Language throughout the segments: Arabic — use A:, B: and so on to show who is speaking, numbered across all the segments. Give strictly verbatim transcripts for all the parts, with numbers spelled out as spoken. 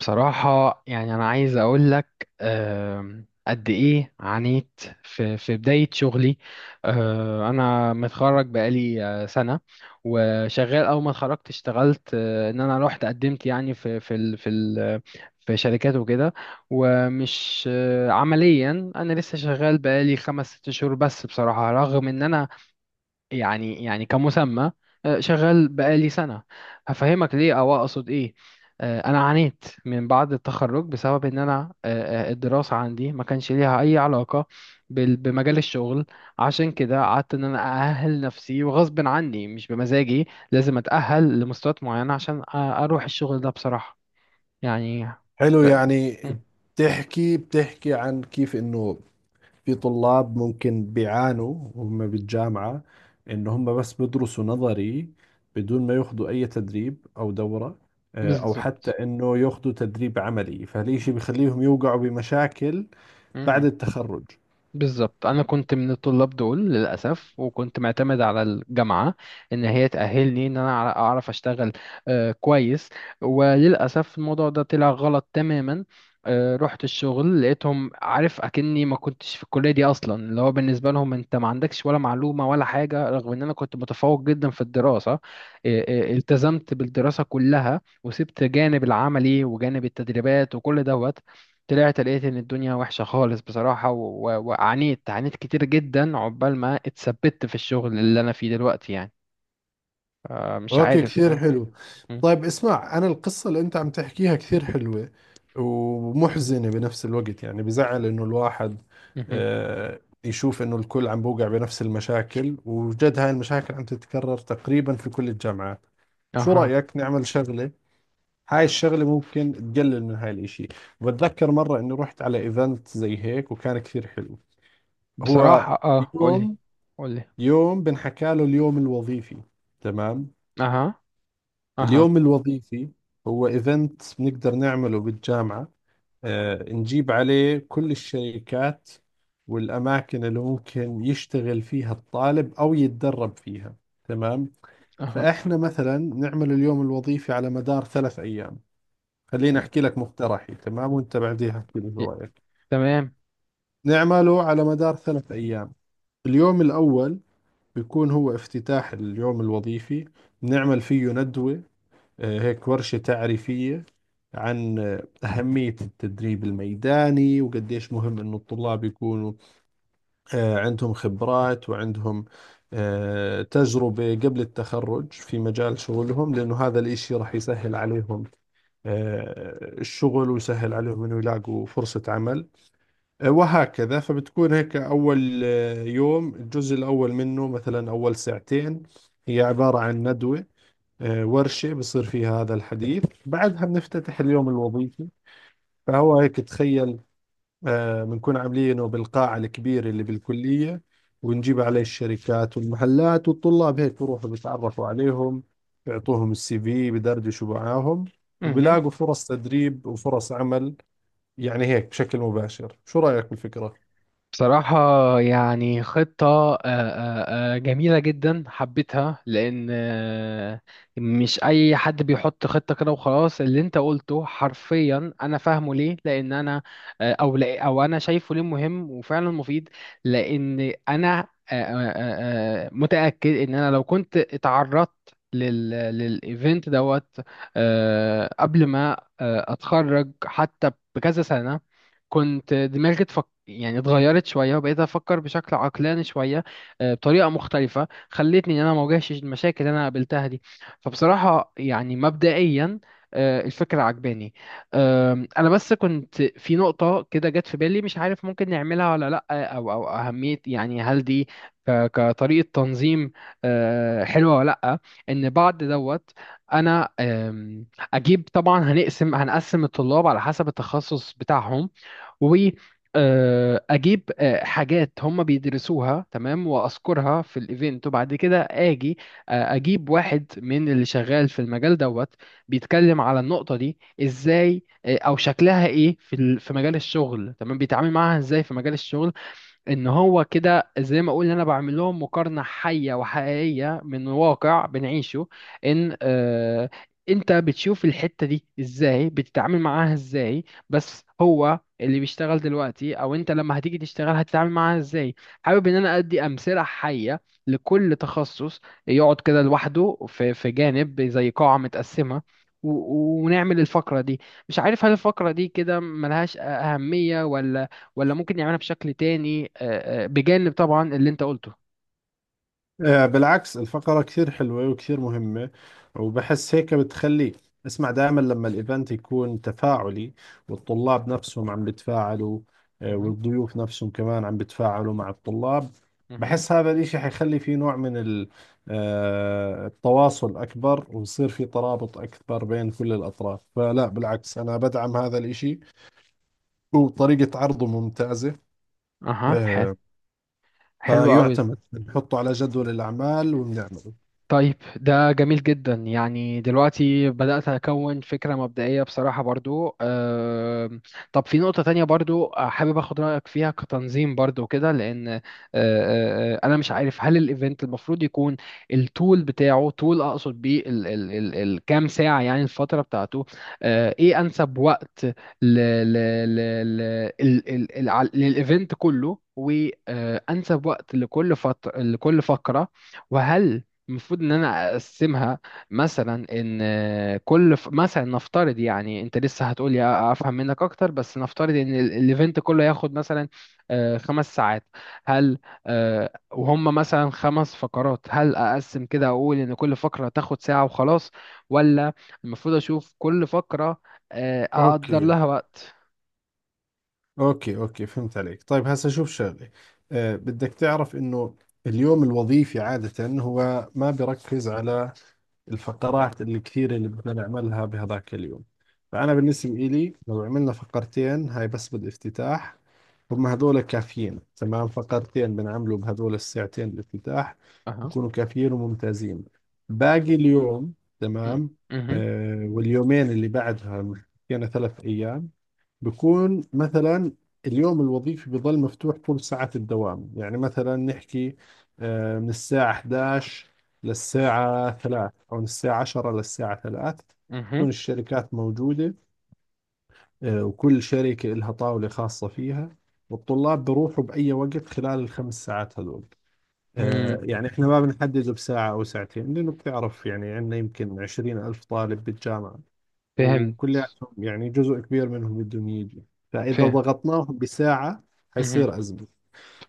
A: بصراحة يعني أنا عايز أقول لك، آم، قد إيه عانيت في في بداية شغلي. آه، أنا متخرج بقالي آه، سنة، وشغال. أول ما اتخرجت اشتغلت، آه، إن أنا رحت قدمت يعني في في ال في ال في شركات وكده. ومش آه، عمليا أنا لسه شغال بقالي خمس ست شهور بس، بصراحة رغم إن أنا يعني يعني كمسمى آه، شغال بقالي سنة. هفهمك ليه أو أقصد إيه. آه، أنا عانيت من بعد التخرج بسبب إن أنا آه، آه، الدراسة عندي ما كانش ليها أي علاقة بال- بمجال الشغل. عشان كده قعدت إن أنا أأهل نفسي وغصب عني مش بمزاجي، لازم أتأهل لمستويات معينة عشان أ- أروح الشغل ده بصراحة يعني.
B: حلو
A: ف-
B: يعني.
A: م،
B: بتحكي بتحكي عن كيف انه في طلاب ممكن بيعانوا وهم بالجامعة، إن هم بس بدرسوا نظري بدون ما ياخذوا أي تدريب أو دورة، آه، أو حتى
A: بالظبط.
B: إنه ياخذوا تدريب عملي، فهالشيء بخليهم يوقعوا بمشاكل بعد
A: مهم.
B: التخرج.
A: بالظبط، انا كنت من الطلاب دول للاسف، وكنت معتمد على الجامعه ان هي تاهلني ان انا أع- اعرف اشتغل آه، كويس. وللاسف الموضوع ده طلع غلط تماما. آه، رحت الشغل لقيتهم عارف اكني ما كنتش في الكليه دي اصلا، اللي هو بالنسبه لهم انت ما عندكش ولا معلومه ولا حاجه، رغم ان انا كنت متفوق جدا في الدراسه. آه، آه، التزمت بالدراسه كلها وسبت جانب العملي وجانب التدريبات وكل دوت. طلعت لقيت ان الدنيا وحشة خالص بصراحة، و- و- وعانيت عانيت كتير جدا عقبال ما اتثبت في الشغل اللي انا فيه دلوقتي يعني. آه، مش
B: اوكي،
A: عارف.
B: كثير
A: م-
B: حلو.
A: م-
B: طيب اسمع، انا القصة اللي انت عم تحكيها كثير حلوة ومحزنة بنفس الوقت، يعني بزعل انه الواحد
A: مهم.
B: آه، يشوف انه الكل عم بوقع بنفس المشاكل، وجد هاي المشاكل عم تتكرر تقريبا في كل الجامعات. شو
A: اها.
B: رأيك نعمل شغلة؟ هاي الشغلة ممكن تقلل من هاي الاشي. بتذكر مرة اني رحت على ايفنت زي هيك وكان كثير حلو. هو
A: بصراحة اه قولي.
B: يوم،
A: قولي.
B: يوم بنحكى له اليوم الوظيفي، تمام؟
A: اها. اها.
B: اليوم الوظيفي هو ايفنت بنقدر نعمله بالجامعة، آه، نجيب عليه كل الشركات والأماكن اللي ممكن يشتغل فيها الطالب أو يتدرب فيها، تمام؟
A: اها.
B: فإحنا مثلا نعمل اليوم الوظيفي على مدار ثلاث أيام. خليني
A: م.
B: أحكي لك مقترحي تمام، وأنت بعديها احكي لي
A: ي-
B: شو رأيك.
A: تمام.
B: نعمله على مدار ثلاث أيام. اليوم الأول بيكون هو افتتاح اليوم الوظيفي، نعمل فيه ندوة، آه، هيك ورشة تعريفية عن آه، أهمية التدريب الميداني وقديش مهم إنه الطلاب يكونوا آه، عندهم خبرات وعندهم آه، تجربة قبل التخرج في مجال شغلهم، لأنه هذا الإشي راح يسهل عليهم آه، الشغل ويسهل عليهم إنه يلاقوا فرصة عمل آه، وهكذا. فبتكون هيك أول آه، يوم، الجزء الأول منه مثلا أول ساعتين هي عبارة عن ندوة، آه، ورشة بصير فيها هذا الحديث، بعدها بنفتتح اليوم الوظيفي. فهو هيك تخيل، آه، بنكون عاملينه بالقاعة الكبيرة اللي بالكلية، ونجيب عليه الشركات والمحلات، والطلاب هيك بروحوا بيتعرفوا عليهم، بيعطوهم السي في، بدردشوا معاهم وبلاقوا فرص تدريب وفرص عمل، يعني هيك بشكل مباشر. شو رأيك بالفكرة؟
A: بصراحة يعني خطة آه، آه، آه، جميلة جدا، حبيتها لأن آه، مش أي حد بيحط خطة كده وخلاص. اللي أنت قلته حرفيا أنا فاهمه ليه، لأن أنا آه، أو لا، أو أنا شايفه ليه مهم وفعلا مفيد. لأن أنا آه، آه، آه، آه، متأكد إن أنا لو كنت اتعرضت لل للإيفنت دوت آه، قبل ما آه، أتخرج حتى بكذا سنة، كنت دماغي اتفك، يعني اتغيرت شوية وبقيت أفكر بشكل عقلاني شوية آه، بطريقة مختلفة خلتني إن أنا ما واجهش المشاكل اللي أنا قابلتها دي. فبصراحة يعني مبدئيا آه، الفكرة عجباني. آم، أنا بس كنت في نقطة كده جت في بالي، مش عارف ممكن نعملها ولا لأ، أو أو أهمية يعني هل دي ك- كطريقة تنظيم آه، حلوة ولا لأ. إن بعد دوت أنا آم، أجيب. طبعا هنقسم هنقسم الطلاب على حسب التخصص بتاعهم، واجيب حاجات هم بيدرسوها تمام واذكرها في الايفنت، وبعد كده اجي آه، اجيب واحد من اللي شغال في المجال دوت بيتكلم على النقطة دي ازاي آه، او شكلها ايه في ال- في مجال الشغل، تمام، بيتعامل معاها ازاي في مجال الشغل. ان هو كده زي ما اقول انا بعمل لهم مقارنه حيه وحقيقيه من واقع بنعيشه. ان آه انت بتشوف الحته دي ازاي، بتتعامل معاها ازاي؟ بس هو اللي بيشتغل دلوقتي او انت لما هتيجي تشتغل هتتعامل معاها ازاي. حابب ان انا ادي امثله حيه لكل تخصص، يقعد كده لوحده في في جانب زي قاعه متقسمه، و- ونعمل الفقرة دي. مش عارف هل الفقرة دي كده ملهاش أهمية ولا، ولا ممكن يعملها بشكل تاني آه، آه، بجانب طبعا اللي انت قلته.
B: آه، بالعكس، الفقرة كثير حلوة وكثير مهمة. وبحس هيك بتخلي، اسمع، دائما لما الايفنت يكون تفاعلي والطلاب نفسهم عم بتفاعلوا آه،
A: مهم.
B: والضيوف نفسهم كمان عم بتفاعلوا مع الطلاب،
A: مهم.
B: بحس هذا الاشي حيخلي في نوع من ال- آه، التواصل اكبر، ويصير في ترابط اكبر بين كل الاطراف. فلا بالعكس، انا بدعم هذا الاشي وطريقة عرضه ممتازة.
A: اها. حلو.
B: آه،
A: حلو قوي.
B: فيعتمد بنحطه على جدول الاعمال وبنعمله.
A: طيب ده جميل جدا يعني، دلوقتي بدأت أكون فكرة مبدئية بصراحة برضو. آم، طب في نقطة تانية برضو آه، حابب أخد رأيك فيها كتنظيم برضو كده، لأن آه، آه، آه، أنا مش عارف هل الإيفنت المفروض يكون التول بتاعه، تول أقصد بيه ال- ال- ال- الكام ساعة يعني الفترة بتاعته. آه، إيه أنسب وقت ل- ل- ل- ل- ال- ال- الع- للإيفنت كله، وأنسب وقت لكل فترة لكل فقرة. وهل المفروض ان انا اقسمها مثلا ان كل ف... مثلا نفترض يعني، انت لسه هتقول لي افهم منك اكتر، بس نفترض ان ال- الايفنت كله ياخد مثلا آه، خمس ساعات، هل آه، وهم مثلا خمس فقرات، هل اقسم كده اقول ان كل فقرة تاخد ساعة وخلاص، ولا المفروض اشوف كل فقرة آه، اقدر
B: اوكي
A: لها وقت.
B: اوكي اوكي، فهمت عليك. طيب هسه شوف شغله، أه، بدك تعرف انه اليوم الوظيفي عادة هو ما بركز على الفقرات اللي كثيرة اللي بدنا نعملها بهذاك اليوم. فأنا بالنسبة إلي لو عملنا فقرتين هاي بس بالافتتاح، هم هذول كافيين، تمام؟ فقرتين بنعمله بهذول الساعتين الافتتاح،
A: اها.
B: بكونوا كافيين وممتازين. باقي اليوم،
A: مم.
B: تمام،
A: مهم.
B: أه، واليومين اللي بعدها، يعني ثلاث أيام، بكون مثلا اليوم الوظيفي بظل مفتوح طول ساعة الدوام. يعني مثلا نحكي آه، من الساعة حداشر للساعة ثلاثة أو من الساعة عشرة للساعة ثلاثة.
A: مهم.
B: تكون الشركات موجودة، آه، وكل شركة لها طاولة خاصة فيها، والطلاب بروحوا بأي وقت خلال الخمس ساعات هذول. آه،
A: مم.
B: يعني احنا ما بنحدده بساعة أو ساعتين، لأنه بتعرف يعني عندنا يمكن عشرين ألف طالب بالجامعة
A: فهمت.
B: وكلياتهم، يعني جزء كبير منهم بدهم يجي، فإذا
A: فهم.
B: ضغطناهم بساعة
A: مهم.
B: حيصير أزمة.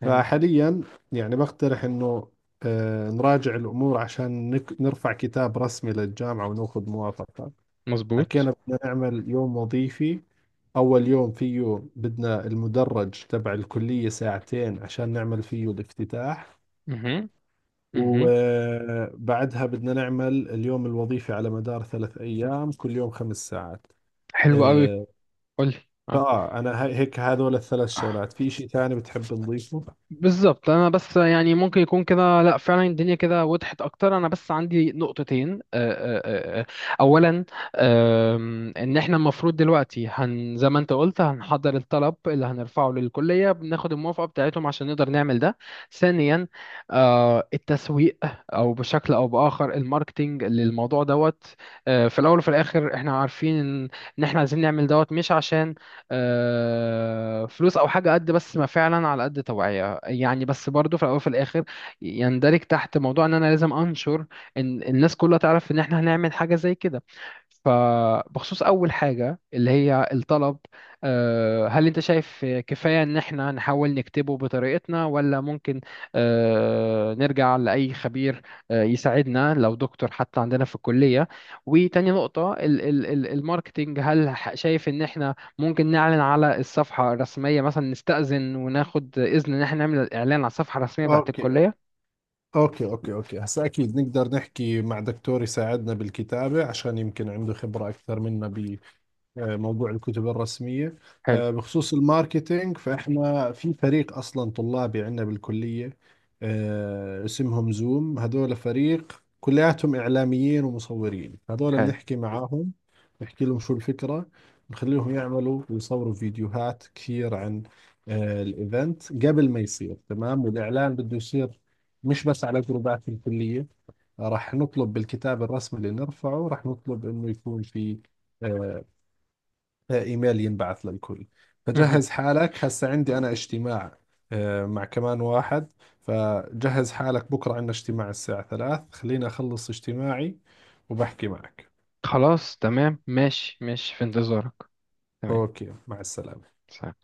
A: فهمت.
B: فحاليا يعني بقترح إنه آه، نراجع الأمور عشان نك- نرفع كتاب رسمي للجامعة وناخذ موافقة.
A: مظبوط.
B: حكينا بدنا نعمل يوم وظيفي، أول يوم فيه بدنا المدرج تبع الكلية ساعتين عشان نعمل فيه الافتتاح،
A: مهم. مهم.
B: وبعدها بدنا نعمل اليوم الوظيفي على مدار ثلاث أيام، كل يوم خمس ساعات.
A: حلو قوي.
B: آه،
A: قولي.
B: فاه انا هاي- هيك هذول الثلاث
A: آه.
B: شغلات. في شيء ثاني بتحب نضيفه؟
A: بالظبط. انا بس يعني ممكن يكون كده، لا فعلا الدنيا كده وضحت اكتر. انا بس عندي نقطتين آه، آه، آه. آه. اولا، آم، ان احنا المفروض دلوقتي هن زي ما انت قلت، هنحضر الطلب اللي هنرفعه للكلية، بناخد الموافقة بتاعتهم عشان نقدر نعمل ده. ثانيا آه، التسويق او بشكل او باخر الماركتينج للموضوع دوت. آه، في الاول وفي الاخر احنا عارفين ان إن احنا عايزين نعمل دوت مش عشان آه، فلوس او حاجه قد بس، ما فعلا على قد توعيه يعني، بس برضو في الاول وفي الاخر يندرج تحت موضوع ان انا لازم انشر ان الناس كلها تعرف ان احنا هنعمل حاجه زي كده. فبخصوص أول حاجة اللي هي الطلب، آه، هل أنت شايف كفاية إن إحنا نحاول نكتبه بطريقتنا، ولا ممكن آه، نرجع لأي خبير آه، يساعدنا لو دكتور حتى عندنا في الكلية؟ وتاني نقطة ال- ال- ال- الماركتينج، هل ح- شايف إن إحنا ممكن نعلن على الصفحة الرسمية مثلا، نستأذن وناخد إذن إن احنا نعمل إعلان على الصفحة الرسمية بتاعت
B: اوكي
A: الكلية؟
B: اوكي اوكي اوكي هسا اكيد نقدر نحكي مع دكتور يساعدنا بالكتابة، عشان يمكن عنده خبرة اكثر منا آه، موضوع الكتب الرسمية.
A: حلو.
B: آه، بخصوص الماركتينج، فإحنا في فريق أصلا طلابي عندنا بالكلية، آه، اسمهم زوم. هذول فريق كلياتهم إعلاميين ومصورين، هذول
A: حلو.
B: بنحكي معاهم، نحكي لهم شو الفكرة، نخليهم يعملوا ويصوروا فيديوهات كثير عن آه، الإيفنت قبل ما يصير، تمام؟ والإعلان بده يصير مش بس على جروبات الكلية، راح نطلب بالكتاب الرسمي اللي نرفعه، راح نطلب إنه يكون في آه، ايميل ينبعث للكل.
A: مهم.
B: فجهز حالك، هسه عندي انا اجتماع آه، مع كمان واحد، فجهز حالك بكرة عندنا اجتماع الساعة ثلاث، خليني اخلص اجتماعي وبحكي معك.
A: خلاص تمام، ماشي ماشي في انتظارك. تمام.
B: اوكي، مع السلامة.
A: سلام.